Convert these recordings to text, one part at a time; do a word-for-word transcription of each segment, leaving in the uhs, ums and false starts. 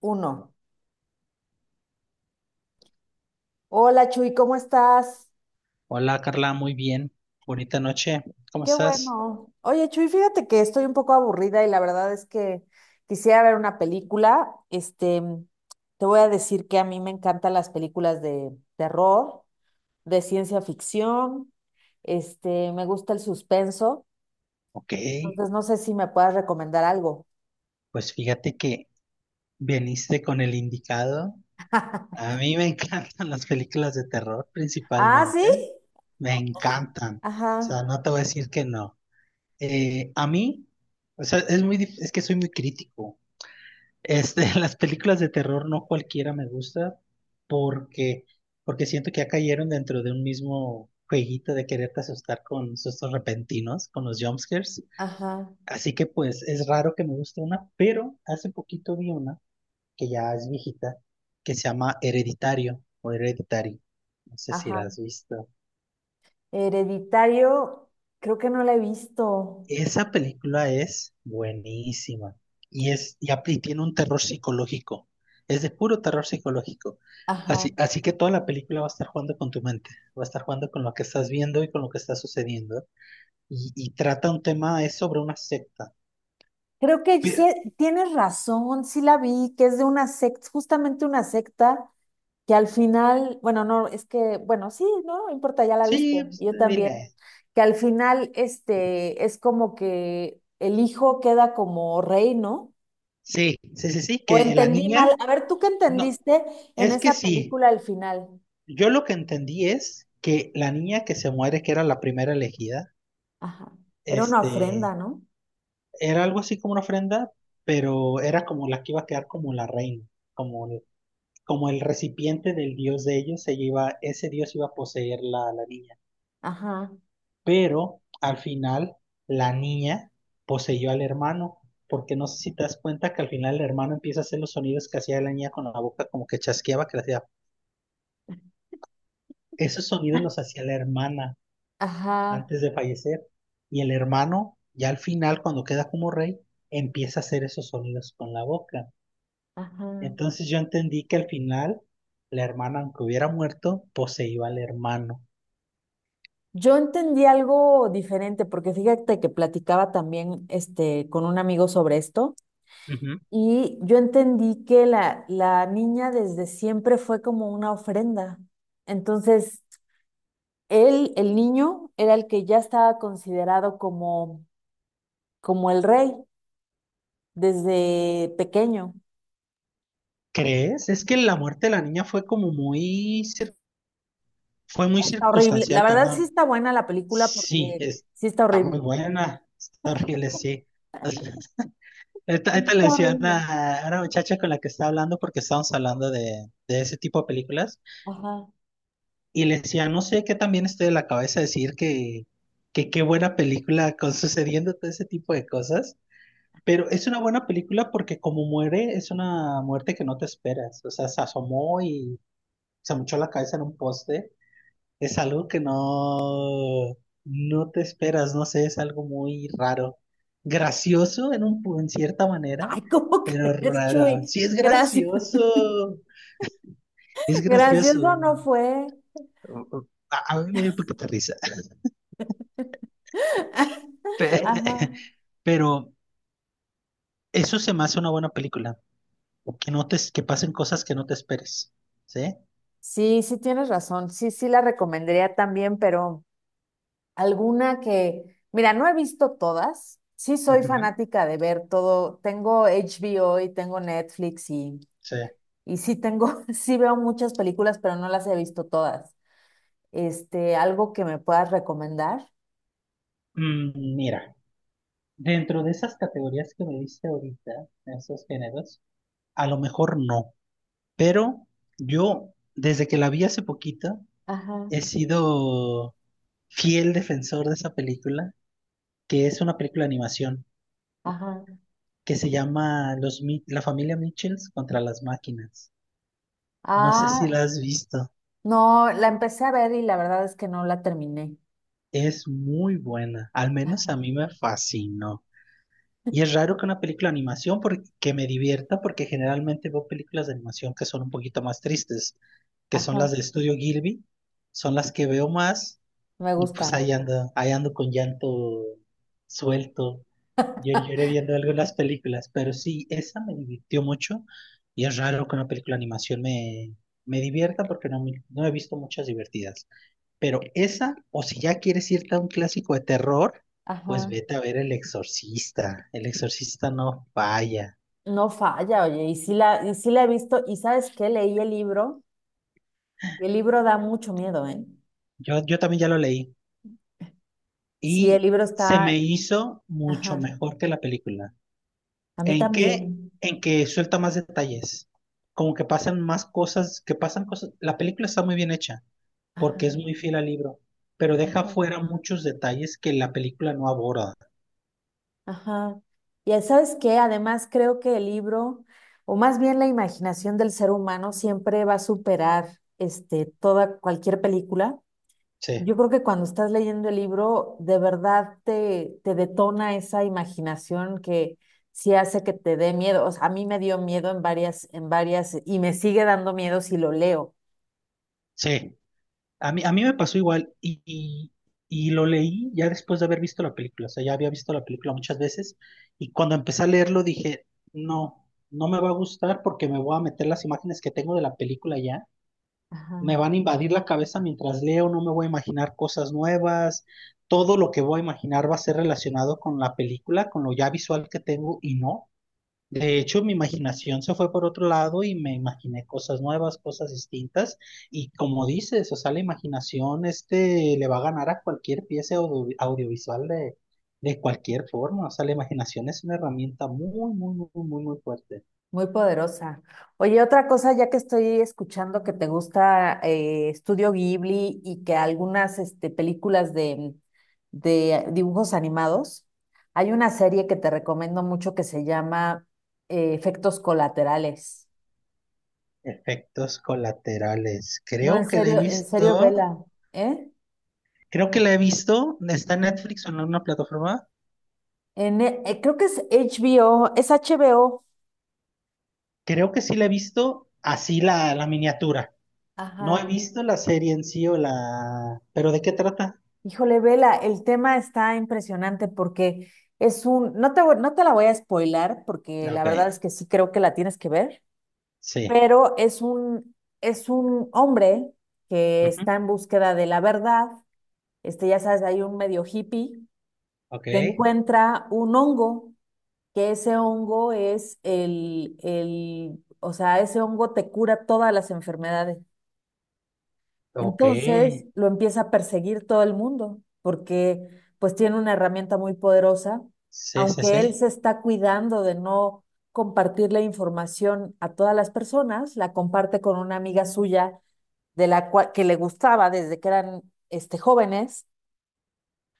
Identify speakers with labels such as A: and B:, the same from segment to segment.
A: Uno. Hola Chuy, ¿cómo estás?
B: Hola Carla, muy bien. Bonita noche. ¿Cómo
A: Qué
B: estás?
A: bueno. Oye Chuy, fíjate que estoy un poco aburrida y la verdad es que quisiera ver una película. Este, te voy a decir que a mí me encantan las películas de terror, de ciencia ficción, este, me gusta el suspenso.
B: Ok,
A: Entonces no sé si me puedas recomendar algo.
B: pues fíjate que veniste con el indicado. A mí me encantan las películas de terror
A: Ah, ¿sí?
B: principalmente. Me encantan. O
A: Ajá,
B: sea, no te voy a decir que no. Eh, a mí, o sea, es muy, dif- es que soy muy crítico. Este, las películas de terror no cualquiera me gusta porque, porque siento que ya cayeron dentro de un mismo jueguito de quererte asustar con sustos repentinos, con los jumpscares.
A: ajá,
B: Así que pues es raro que me guste una, pero hace poquito vi una que ya es viejita, que se llama Hereditario o Hereditary. No sé si la
A: ajá.
B: has visto.
A: Hereditario, creo que no la he visto.
B: Esa película es buenísima y es y apli- tiene un terror psicológico. Es de puro terror psicológico.
A: Ajá.
B: Así, así que toda la película va a estar jugando con tu mente, va a estar jugando con lo que estás viendo y con lo que está sucediendo. Y, y trata un tema, es sobre una secta.
A: Creo que sí,
B: Pero,
A: tienes razón, sí la vi, que es de una secta, justamente una secta que al final, bueno, no, es que, bueno, sí, no, no importa, ya la viste,
B: sí, pues,
A: yo también,
B: dile.
A: que al final, este, es como que el hijo queda como rey, ¿no?
B: Sí, sí, sí, sí,
A: O
B: que la
A: entendí mal,
B: niña.
A: a ver, ¿tú qué
B: No,
A: entendiste en
B: es que
A: esa
B: sí.
A: película al final?
B: Yo lo que entendí es que la niña que se muere, que era la primera elegida,
A: Ajá, era una
B: este,
A: ofrenda, ¿no?
B: era algo así como una ofrenda, pero era como la que iba a quedar como la reina, como el, como el recipiente del dios de ellos, ella iba, ese dios iba a poseer la, la niña.
A: Ajá,
B: Pero al final, la niña poseyó al hermano, porque no sé si te das cuenta que al final el hermano empieza a hacer los sonidos que hacía la niña con la boca, como que chasqueaba, que le hacía. Esos sonidos los hacía la hermana
A: ajá,
B: antes de fallecer. Y el hermano, ya al final, cuando queda como rey, empieza a hacer esos sonidos con la boca.
A: ajá.
B: Entonces yo entendí que al final, la hermana, aunque hubiera muerto, poseía al hermano.
A: Yo entendí algo diferente, porque fíjate que platicaba también este, con un amigo sobre esto,
B: Ujú.
A: y yo entendí que la, la niña desde siempre fue como una ofrenda. Entonces, él, el niño era el que ya estaba considerado como, como el rey desde pequeño.
B: ¿Crees? Es que la muerte de la niña fue como muy, cir- fue muy
A: Está horrible. La
B: circunstancial,
A: verdad sí
B: perdón.
A: está buena la película
B: Sí,
A: porque
B: es-
A: sí está
B: está muy
A: horrible.
B: buena, está horrible, sí. Esta, esta le
A: Está
B: decía a
A: horrible.
B: una, a una muchacha con la que estaba hablando porque estábamos hablando de, de ese tipo de películas.
A: Ajá.
B: Y le decía, no sé qué también estoy de la cabeza decir que, que qué buena película con sucediendo todo ese tipo de cosas. Pero es una buena película porque como muere, es una muerte que no te esperas. O sea, se asomó y se mochó la cabeza en un poste. Es algo que no, no te esperas, no sé, es algo muy raro. Gracioso en un, pu- en cierta manera,
A: Ay, ¿cómo
B: pero
A: crees,
B: raro.
A: Chuy?
B: Sí, es
A: Gracias.
B: gracioso. Es gracioso.
A: Gracioso no fue.
B: A, a mí me dio un poquito de risa. Pe-
A: Ajá.
B: Pero eso se me hace una buena película. Que no te, que pasen cosas que no te esperes. ¿Sí?
A: Sí, sí tienes razón. Sí, sí la recomendaría también, pero alguna que, mira, no he visto todas. Sí soy
B: Ujú.
A: fanática de ver todo. Tengo H B O y tengo Netflix y,
B: Sí.
A: y sí tengo, sí veo muchas películas, pero no las he visto todas. Este, algo que me puedas recomendar.
B: Mm, mira, dentro de esas categorías que me diste ahorita, esos géneros, a lo mejor no. Pero yo, desde que la vi hace poquito,
A: Ajá,
B: he sido fiel defensor de esa película, que es una película de animación,
A: ajá.
B: que se llama Los, Mi- La familia Mitchells contra las máquinas. No sé si
A: Ah,
B: la has visto.
A: no, la empecé a ver y la verdad es que no la terminé.
B: Es muy buena, al menos a mí me fascinó. Y es raro que una película de animación porque, que me divierta, porque generalmente veo películas de animación que son un poquito más tristes, que son
A: Ajá,
B: las del estudio Gilby, son las que veo más,
A: me
B: y pues
A: gustan.
B: ahí ando, ahí ando con llanto suelto. Yo lloré viendo algo en las películas, pero sí, esa me divirtió mucho, y es raro que una película de animación me, me divierta porque no, me- no he visto muchas divertidas. Pero esa, o si ya quieres irte a un clásico de terror, pues
A: Ajá,
B: vete a ver El Exorcista. El Exorcista no falla.
A: no falla, oye, y sí la, y sí la he visto, y ¿sabes qué? Leí el libro, y el libro da mucho miedo, ¿eh?
B: Yo, yo también ya lo leí
A: Sí, el
B: y
A: libro
B: se me
A: está,
B: hizo mucho
A: ajá,
B: mejor que la película.
A: a mí
B: ¿En qué?
A: también,
B: En que suelta más detalles. Como que pasan más cosas, que pasan cosas. La película está muy bien hecha
A: ajá,
B: porque es muy fiel al libro, pero deja
A: ajá,
B: fuera muchos detalles que la película no aborda.
A: ajá. Y ¿sabes qué? Además creo que el libro, o más bien la imaginación del ser humano siempre va a superar, este, toda, cualquier película.
B: Sí,
A: Yo creo que cuando estás leyendo el libro, de verdad te, te detona esa imaginación que sí hace que te dé miedo. O sea, a mí me dio miedo en varias, en varias, y me sigue dando miedo si lo leo.
B: sí. A mí, a mí me pasó igual y, y- y lo leí ya después de haber visto la película, o sea, ya había visto la película muchas veces y cuando empecé a leerlo dije, no, no me va a gustar porque me voy a meter las imágenes que tengo de la película ya,
A: Ajá,
B: me van a invadir la cabeza mientras leo, no me voy a imaginar cosas nuevas, todo lo que voy a imaginar va a ser relacionado con la película, con lo ya visual que tengo y no. De hecho, mi imaginación se fue por otro lado y me imaginé cosas nuevas, cosas distintas. Y como dices, o sea, la imaginación este le va a ganar a cualquier pieza audio- audiovisual de, de cualquier forma. O sea, la imaginación es una herramienta muy, muy, muy, muy, muy fuerte.
A: muy poderosa. Oye, otra cosa, ya que estoy escuchando que te gusta eh, Estudio Ghibli y que algunas este, películas de, de dibujos animados, hay una serie que te recomiendo mucho que se llama eh, Efectos Colaterales.
B: Efectos colaterales.
A: No, en
B: Creo que la he
A: serio, en serio,
B: visto.
A: vela, ¿eh?
B: Creo que la he visto. Está en
A: Ujú.
B: Netflix o en alguna plataforma.
A: En, e- eh, creo que es H B O, es H B O.
B: Creo que sí la he visto así la, la miniatura. No he
A: Ajá.
B: visto la serie en sí o la... ¿Pero de qué trata?
A: Híjole, vela, el tema está impresionante porque es un, no te, voy- no te la voy a spoilar porque la
B: Ok,
A: verdad es que sí creo que la tienes que ver,
B: sí.
A: pero es un, es un hombre que está
B: Ujú.
A: en búsqueda de la verdad. Este, ya sabes, hay un medio hippie
B: Ok,
A: que encuentra un hongo, que ese hongo es el, el, o sea, ese hongo te cura todas las enfermedades.
B: ok.
A: Entonces lo empieza a perseguir todo el mundo, porque pues tiene una herramienta muy poderosa,
B: Sí, sí,
A: aunque él
B: sí.
A: se está cuidando de no compartir la información a todas las personas, la comparte con una amiga suya de la cua- que le gustaba desde que eran este, jóvenes,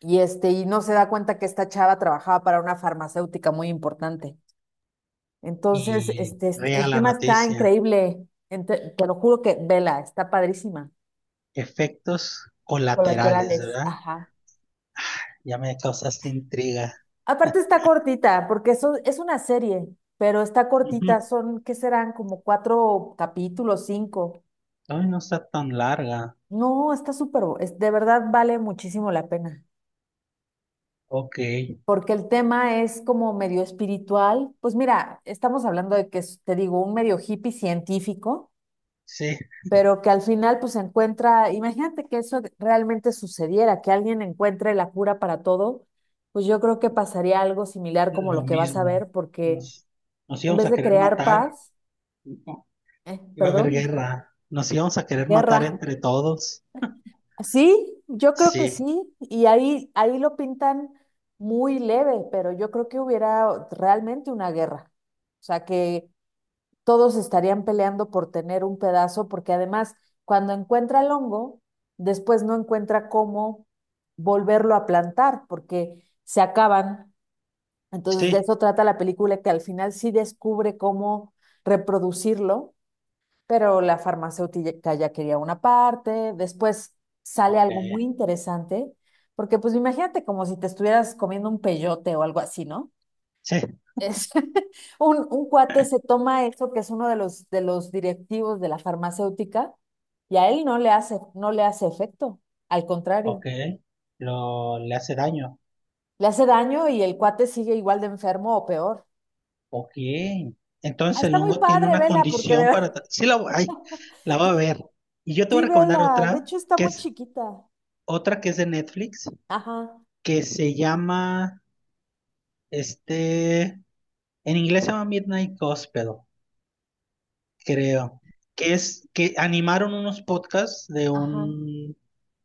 A: y este, y no se da cuenta que esta chava trabajaba para una farmacéutica muy importante. Entonces,
B: Y
A: este, este,
B: riega
A: el
B: la
A: tema está
B: noticia.
A: increíble. Ente- te lo juro que vela, está padrísima.
B: Efectos colaterales,
A: Colaterales,
B: ¿verdad?
A: ajá.
B: Ya me causaste intriga.
A: Aparte está cortita, porque eso es una serie, pero está cortita,
B: Ujú.
A: son, ¿qué serán? Como cuatro capítulos, cinco.
B: Ay, no está tan larga.
A: No, está súper, bu- es, de verdad vale muchísimo la pena,
B: Ok,
A: porque el tema es como medio espiritual. Pues mira, estamos hablando de que es, te digo, un medio hippie científico,
B: sí,
A: pero que al final pues encuentra, imagínate que eso realmente sucediera, que alguien encuentre la cura para todo, pues yo creo que pasaría algo similar como lo
B: lo
A: que vas a
B: mismo.
A: ver, porque
B: Nos, nos
A: en
B: íbamos
A: vez
B: a
A: de
B: querer
A: crear
B: matar.
A: paz,
B: No,
A: eh,
B: iba a haber
A: perdón,
B: guerra. Nos íbamos a querer matar
A: guerra.
B: entre todos.
A: Sí, yo creo que
B: Sí,
A: sí, y ahí, ahí lo pintan muy leve, pero yo creo que hubiera realmente una guerra. O sea, que todos estarían peleando por tener un pedazo, porque además, cuando encuentra el hongo, después no encuentra cómo volverlo a plantar, porque se acaban. Entonces, de
B: sí.
A: eso trata la película, que al final sí descubre cómo reproducirlo, pero la farmacéutica ya quería una parte, después sale
B: Ok,
A: algo muy interesante, porque pues imagínate como si te estuvieras comiendo un peyote o algo así, ¿no?
B: sí,
A: Es, un, un cuate se toma eso, que es uno de los, de los directivos de la farmacéutica, y a él no le hace, no le hace efecto, al contrario,
B: ok. Lo, le hace daño.
A: le hace daño y el cuate sigue igual de enfermo o peor.
B: Ok.
A: Ah,
B: Entonces el
A: está muy
B: hongo tiene
A: padre,
B: una
A: Vela, porque de
B: condición para...
A: verdad.
B: tra- Sí, la, voy ay, la va a ver. Y yo te
A: Sí,
B: voy a recomendar
A: Vela, de
B: otra,
A: hecho está
B: que
A: muy
B: es
A: chiquita.
B: otra que es de Netflix,
A: Ajá,
B: que se llama, este, en inglés se llama Midnight Gospel. Creo, que es que animaron unos podcasts de
A: ajá,
B: un,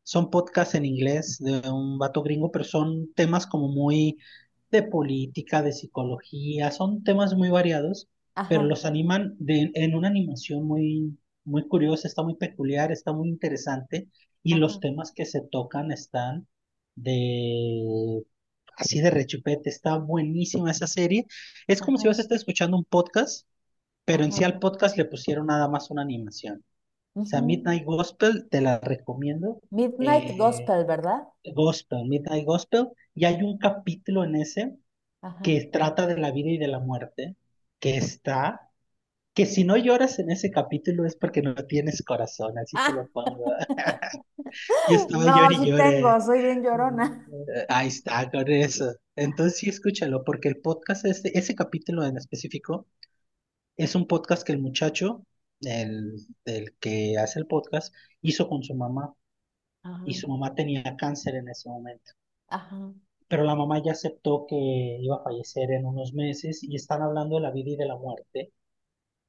B: son podcasts en inglés de un vato gringo, pero son temas como muy de política, de psicología, son temas muy variados, pero
A: ajá,
B: los animan de, en una animación muy, muy curiosa, está muy peculiar, está muy interesante, y los
A: ajá,
B: temas que se tocan están de... Así de rechupete, está buenísima esa serie. Es como si
A: ajá,
B: vas a estar escuchando un podcast pero en sí
A: ajá.
B: al podcast le pusieron nada más una animación. O sea,
A: Ujú.
B: Midnight Gospel, te la recomiendo.
A: Midnight
B: eh,
A: Gospel, ¿verdad?
B: Gospel, Midnight Gospel, y hay un capítulo en ese
A: Ajá.
B: que trata de la vida y de la muerte, que está, que si no lloras en ese capítulo es porque no tienes corazón, así te
A: Ah,
B: lo pongo. Y estaba
A: no,
B: llorando y
A: sí
B: lloré.
A: tengo, soy bien llorona.
B: Ahí está, con eso. Entonces sí, escúchalo, porque el podcast, este, ese capítulo en específico. Es un podcast que el muchacho, el, el que hace el podcast, hizo con su mamá
A: Ajá,
B: y su mamá tenía cáncer en ese momento.
A: ajá.
B: Pero la mamá ya aceptó que iba a fallecer en unos meses y están hablando de la vida y de la muerte.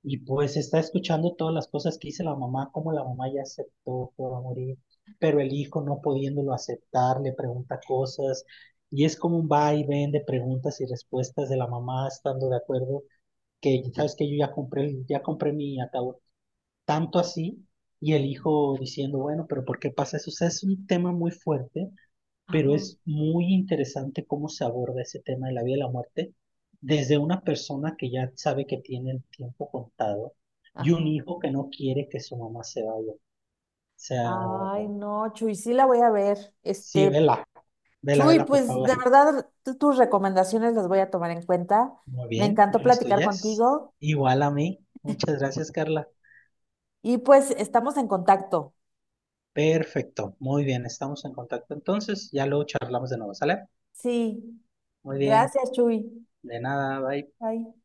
B: Y pues está escuchando todas las cosas que dice la mamá, como la mamá ya aceptó que va a morir, pero el hijo no pudiéndolo aceptar, le pregunta cosas y es como un va y ven de preguntas y respuestas de la mamá estando de acuerdo que sabes que yo ya compré, ya compré mi ataúd tanto así, y el hijo diciendo, bueno, pero ¿por qué pasa eso? O sea, es un tema muy fuerte, pero
A: Ajá.
B: es muy interesante cómo se aborda ese tema de la vida y la muerte desde una persona que ya sabe que tiene el tiempo contado y un
A: Ajá.
B: hijo que no quiere que su mamá se vaya. O sea,
A: Ay, no, Chuy, sí la voy a ver.
B: sí,
A: Este,
B: vela, vela,
A: Chuy,
B: vela, por
A: pues
B: favor.
A: de verdad tu- tus recomendaciones las voy a tomar en cuenta.
B: Muy
A: Me
B: bien,
A: encantó
B: yo las
A: platicar
B: tuyas.
A: contigo
B: Igual a mí. Muchas gracias, Carla.
A: y pues estamos en contacto.
B: Perfecto, muy bien, estamos en contacto entonces, ya luego charlamos de nuevo, ¿sale?
A: Sí.
B: Muy bien,
A: Gracias, Chuy.
B: de nada, bye.
A: Bye.